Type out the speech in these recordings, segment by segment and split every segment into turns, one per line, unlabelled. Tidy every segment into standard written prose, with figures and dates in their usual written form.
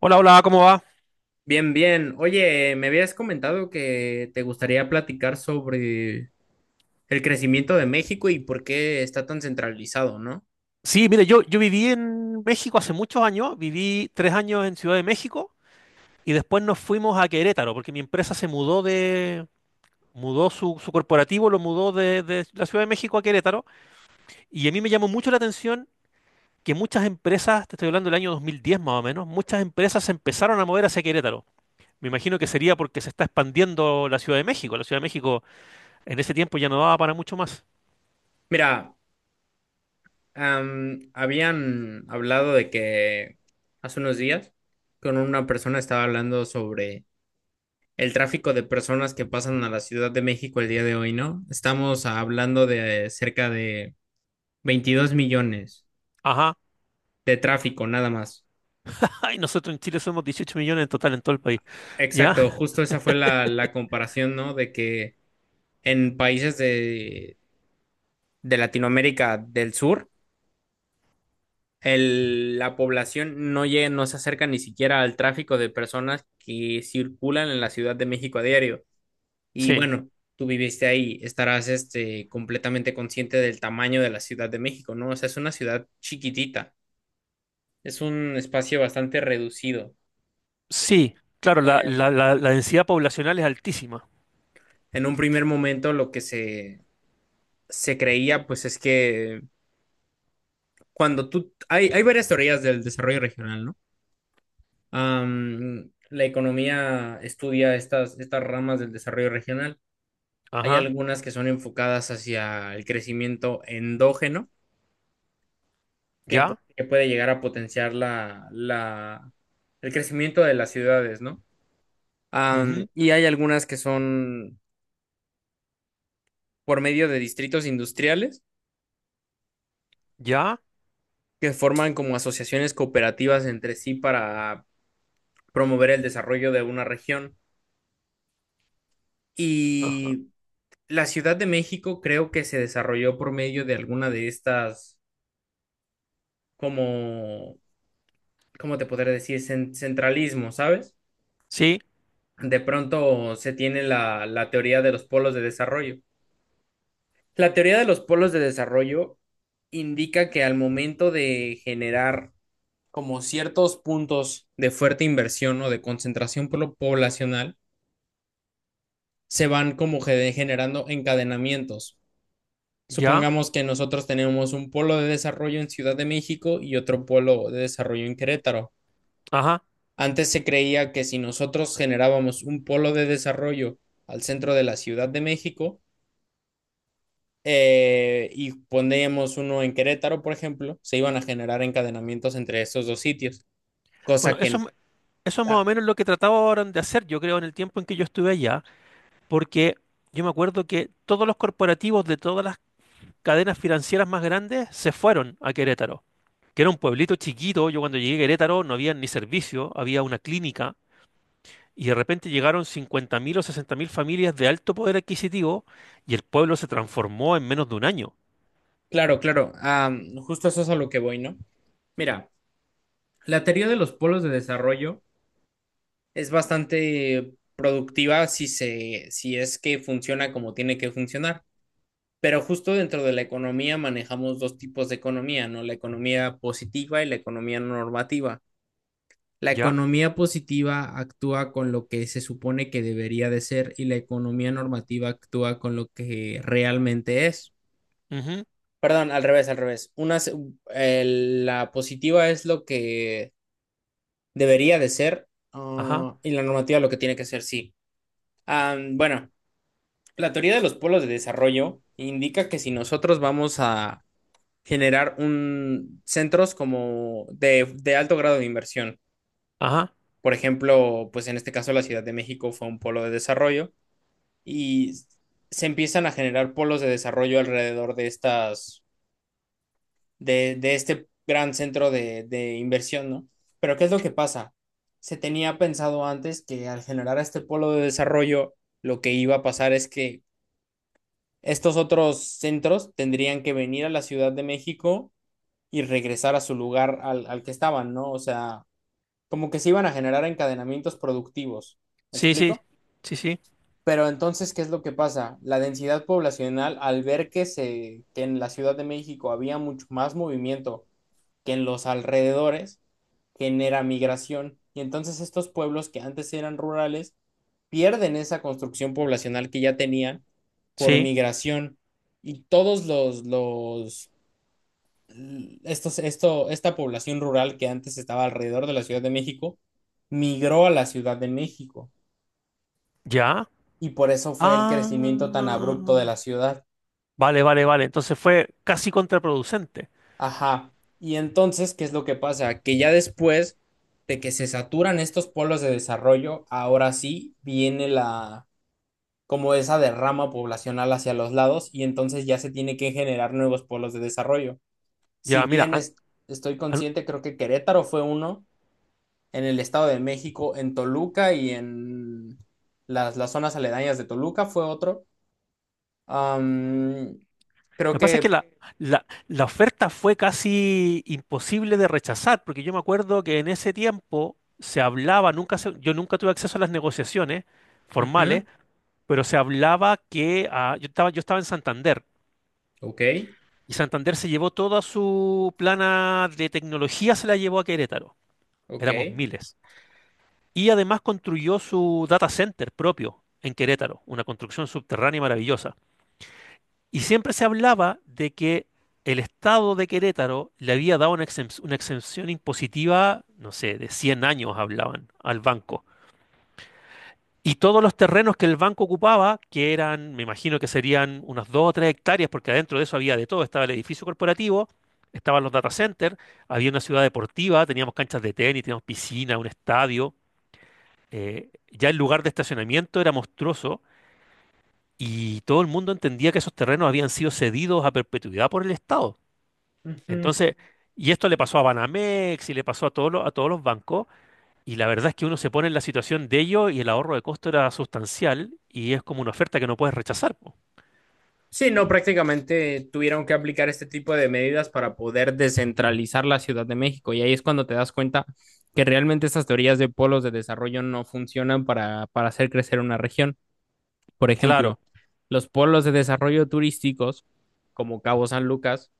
Hola, hola, ¿cómo va?
Bien, bien. Oye, me habías comentado que te gustaría platicar sobre el crecimiento de México y por qué está tan centralizado, ¿no?
Sí, mire, yo viví en México hace muchos años, viví tres años en Ciudad de México y después nos fuimos a Querétaro porque mi empresa se mudó mudó su corporativo, lo mudó de la Ciudad de México a Querétaro y a mí me llamó mucho la atención que muchas empresas, te estoy hablando del año 2010 más o menos, muchas empresas se empezaron a mover hacia Querétaro. Me imagino que sería porque se está expandiendo la Ciudad de México. La Ciudad de México en ese tiempo ya no daba para mucho más.
Mira, habían hablado de que hace unos días con una persona estaba hablando sobre el tráfico de personas que pasan a la Ciudad de México el día de hoy, ¿no? Estamos hablando de cerca de 22 millones
Ajá.
de tráfico, nada más.
Ay, nosotros en Chile somos 18 millones en total en todo el país.
Exacto,
¿Ya?
justo esa fue la comparación, ¿no? De que en países de Latinoamérica del Sur, la población no llega, no se acerca ni siquiera al tráfico de personas que circulan en la Ciudad de México a diario. Y
Sí,
bueno, tú viviste ahí, estarás este, completamente consciente del tamaño de la Ciudad de México, ¿no? O sea, es una ciudad chiquitita, es un espacio bastante reducido.
sí, claro, la,
Eh,
la, la, la densidad poblacional es altísima.
en un primer momento lo que se creía, pues es que hay varias teorías del desarrollo regional, ¿no? La economía estudia estas ramas del desarrollo regional. Hay
Ajá,
algunas que son enfocadas hacia el crecimiento endógeno,
ya,
que puede llegar a potenciar el crecimiento de las ciudades, ¿no?
ujú,
Y hay algunas que son por medio de distritos industriales,
ya,
que forman como asociaciones cooperativas entre sí para promover el desarrollo de una región.
ajá,
Y la Ciudad de México creo que se desarrolló por medio de alguna de estas, como, ¿cómo te podría decir? Centralismo, ¿sabes?
sí,
De pronto se tiene la teoría de los polos de desarrollo. La teoría de los polos de desarrollo indica que al momento de generar como ciertos puntos de fuerte inversión o de concentración poblacional, se van como generando encadenamientos.
ya,
Supongamos que nosotros tenemos un polo de desarrollo en Ciudad de México y otro polo de desarrollo en Querétaro.
ajá.
Antes se creía que si nosotros generábamos un polo de desarrollo al centro de la Ciudad de México y poníamos uno en Querétaro, por ejemplo, se iban a generar encadenamientos entre estos dos sitios,
Bueno,
cosa que...
eso es más o
ah,
menos lo que trataban de hacer, yo creo, en el tiempo en que yo estuve allá, porque yo me acuerdo que todos los corporativos de todas las cadenas financieras más grandes se fueron a Querétaro, que era un pueblito chiquito. Yo cuando llegué a Querétaro no había ni servicio, había una clínica. Y de repente llegaron 50.000 o 60.000 familias de alto poder adquisitivo y el pueblo se transformó en menos de un año.
claro, claro, justo eso es a lo que voy, ¿no? Mira, la teoría de los polos de desarrollo es bastante productiva si es que funciona como tiene que funcionar. Pero justo dentro de la economía manejamos dos tipos de economía, ¿no? La economía positiva y la economía normativa. La
¿Ya?
economía positiva actúa con lo que se supone que debería de ser y la economía normativa actúa con lo que realmente es.
Ujú.
Perdón, al revés, al revés. Una, eh, la positiva es lo que debería de ser,
Ajá,
y la normativa lo que tiene que ser, sí. Bueno, la teoría de los polos de desarrollo indica que si nosotros vamos a generar un centros como de alto grado de inversión,
ajá.
por ejemplo, pues en este caso la Ciudad de México fue un polo de desarrollo y se empiezan a generar polos de desarrollo alrededor de estas, de este gran centro de inversión, ¿no? Pero ¿qué es lo que pasa? Se tenía pensado antes que al generar este polo de desarrollo, lo que iba a pasar es que estos otros centros tendrían que venir a la Ciudad de México y regresar a su lugar al que estaban, ¿no? O sea, como que se iban a generar encadenamientos productivos. ¿Me
Sí, sí,
explico?
sí, sí,
Pero entonces, ¿qué es lo que pasa? La densidad poblacional, al ver que en la Ciudad de México había mucho más movimiento que en los alrededores, genera migración. Y entonces estos pueblos que antes eran rurales pierden esa construcción poblacional que ya tenían por
sí.
migración, y todos los, estos, esto, esta población rural que antes estaba alrededor de la Ciudad de México migró a la Ciudad de México
¿Ya?
y por eso fue el crecimiento tan abrupto de
Ah.
la ciudad.
Vale, vale, vale. Entonces fue casi contraproducente.
Ajá. Y entonces, ¿qué es lo que pasa? Que ya después de que se saturan estos polos de desarrollo, ahora sí viene la, como esa derrama poblacional hacia los lados y entonces ya se tiene que generar nuevos polos de desarrollo. Si
Ya, mira,
bien es- Estoy
an-
consciente, creo que Querétaro fue uno, en el Estado de México, en Toluca y en las zonas aledañas de Toluca fue otro. Am, Creo
lo que pasa es
que...
que la oferta fue casi imposible de rechazar, porque yo me acuerdo que en ese tiempo se hablaba, nunca se- yo nunca tuve acceso a las negociaciones formales,
ujú.
pero se hablaba que yo estaba en Santander
Ok,
y Santander se llevó toda su plana de tecnología, se la llevó a Querétaro.
ok.
Éramos miles. Y además construyó su data center propio en Querétaro, una construcción subterránea maravillosa. Y siempre se hablaba de que el Estado de Querétaro le había dado una una exención impositiva, no sé, de 100 años hablaban al banco. Y todos los terrenos que el banco ocupaba, que eran, me imagino que serían unas 2 o 3 hectáreas, porque adentro de eso había de todo, estaba el edificio corporativo, estaban los data centers, había una ciudad deportiva, teníamos canchas de tenis, teníamos piscina, un estadio. Ya el lugar de estacionamiento era monstruoso y todo el mundo entendía que esos terrenos habían sido cedidos a perpetuidad por el Estado.
Ujú.
Entonces, y esto le pasó a Banamex y le pasó a a todos los bancos, y la verdad es que uno se pone en la situación de ello y el ahorro de costo era sustancial y es como una oferta que no puedes rechazar, po.
Sí, no, prácticamente tuvieron que aplicar este tipo de medidas para poder descentralizar la Ciudad de México. Y ahí es cuando te das cuenta que realmente estas teorías de polos de desarrollo no funcionan para hacer crecer una región. Por ejemplo,
Claro.
los polos de desarrollo turísticos, como Cabo San Lucas,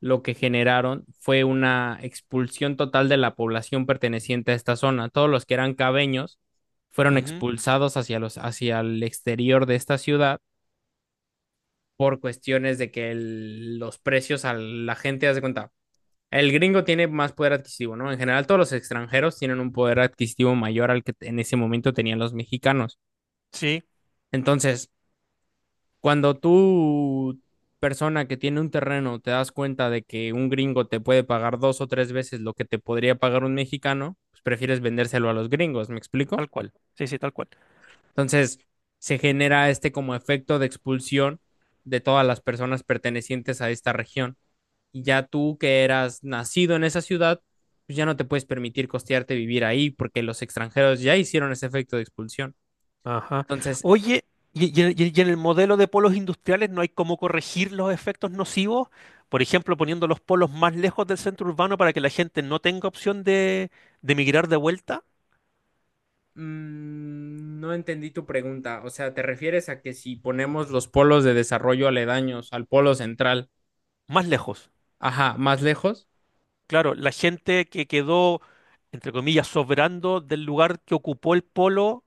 lo que generaron fue una expulsión total de la población perteneciente a esta zona. Todos los que eran cabeños fueron
Ujú.
expulsados hacia hacia el exterior de esta ciudad por cuestiones de que los precios a la gente, haz de cuenta, el gringo tiene más poder adquisitivo, ¿no? En general, todos los extranjeros tienen un poder adquisitivo mayor al que en ese momento tenían los mexicanos.
Sí,
Entonces, cuando tú, persona que tiene un terreno, te das cuenta de que un gringo te puede pagar dos o tres veces lo que te podría pagar un mexicano, pues prefieres vendérselo a los gringos, ¿me explico?
tal cual. Sí, sí, tal cual.
Entonces, se genera este como efecto de expulsión de todas las personas pertenecientes a esta región. Y ya tú que eras nacido en esa ciudad, pues ya no te puedes permitir costearte vivir ahí porque los extranjeros ya hicieron ese efecto de expulsión.
Ajá.
Entonces,
Oye, y en el modelo de polos industriales ¿no hay cómo corregir los efectos nocivos? Por ejemplo, poniendo los polos más lejos del centro urbano para que la gente no tenga opción de migrar de vuelta,
no entendí tu pregunta. O sea, ¿te refieres a que si ponemos los polos de desarrollo aledaños al polo central,
más lejos.
ajá, más lejos?
Claro, la gente que quedó, entre comillas, sobrando del lugar que ocupó el polo,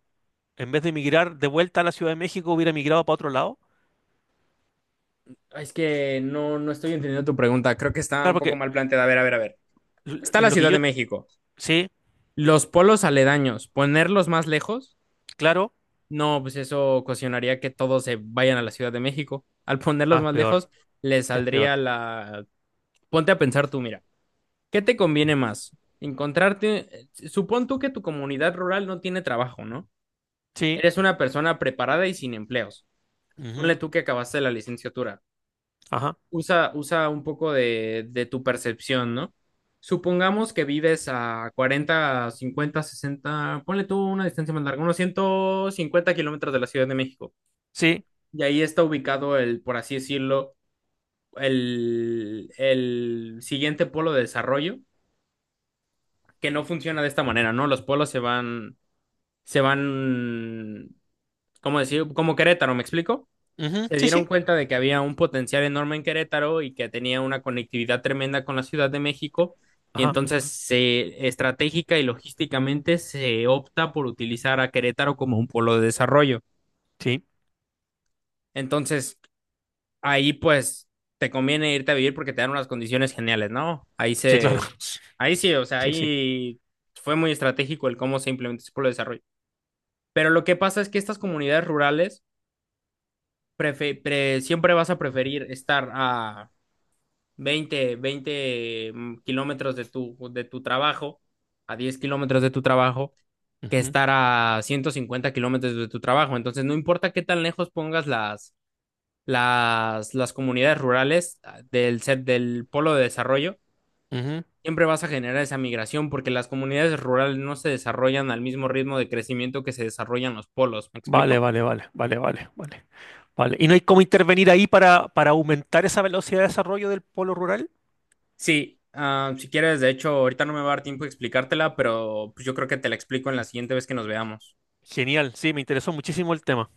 en vez de emigrar de vuelta a la Ciudad de México, hubiera emigrado para otro lado.
Es que no, no estoy entendiendo tu pregunta. Creo que está
Claro,
un poco
porque
mal planteada. A ver, a ver, a ver. Está la
lo que
Ciudad
yo...
de México.
Sí,
Los polos aledaños, ponerlos más lejos.
claro.
No, pues eso ocasionaría que todos se vayan a la Ciudad de México. Al
Ah,
ponerlos
es
más lejos,
peor,
les
es
saldría
peor.
la... Ponte a pensar tú, mira, ¿qué te conviene más? Encontrarte... Supón tú que tu comunidad rural no tiene trabajo, ¿no?
Sí,
Eres una persona preparada y sin empleos.
ujú,
Ponle tú que acabaste la licenciatura.
ajá,
Usa un poco de tu percepción, ¿no? Supongamos que vives a 40, 50, 60. Ponle tú una distancia más larga, unos 150 kilómetros de la Ciudad de México.
sí,
Y ahí está ubicado el, por así decirlo, el siguiente polo de desarrollo, que no funciona de esta manera, ¿no? Los polos se van, ¿cómo decir? Como Querétaro, ¿me explico?
ujú,
Se
sí,
dieron
sí,
cuenta de que había un potencial enorme en Querétaro y que tenía una conectividad tremenda con la Ciudad de México, y
ajá,
entonces estratégica y logísticamente se opta por utilizar a Querétaro como un polo de desarrollo.
sí,
Entonces, ahí pues te conviene irte a vivir porque te dan unas condiciones geniales, ¿no? Ahí
sí,
se,
claro.
ahí sí, o sea,
Sí, sí.
ahí fue muy estratégico el cómo se implementó ese pueblo de desarrollo. Pero lo que pasa es que estas comunidades rurales siempre vas a preferir estar a veinte kilómetros de de tu trabajo, a 10 kilómetros de tu trabajo, que
Ujú,
estar a 150 kilómetros de tu trabajo. Entonces, no importa qué tan lejos pongas las comunidades rurales del polo de desarrollo,
ujú.
siempre vas a generar esa migración porque las comunidades rurales no se desarrollan al mismo ritmo de crecimiento que se desarrollan los polos. ¿Me
Vale,
explico?
vale, vale, vale, vale, vale, vale. ¿Y no hay cómo intervenir ahí para aumentar esa velocidad de desarrollo del polo rural?
Sí. Si quieres, de hecho, ahorita no me va a dar tiempo de explicártela, pero pues, yo creo que te la explico en la siguiente vez que nos veamos.
Genial, sí, me interesó muchísimo el tema.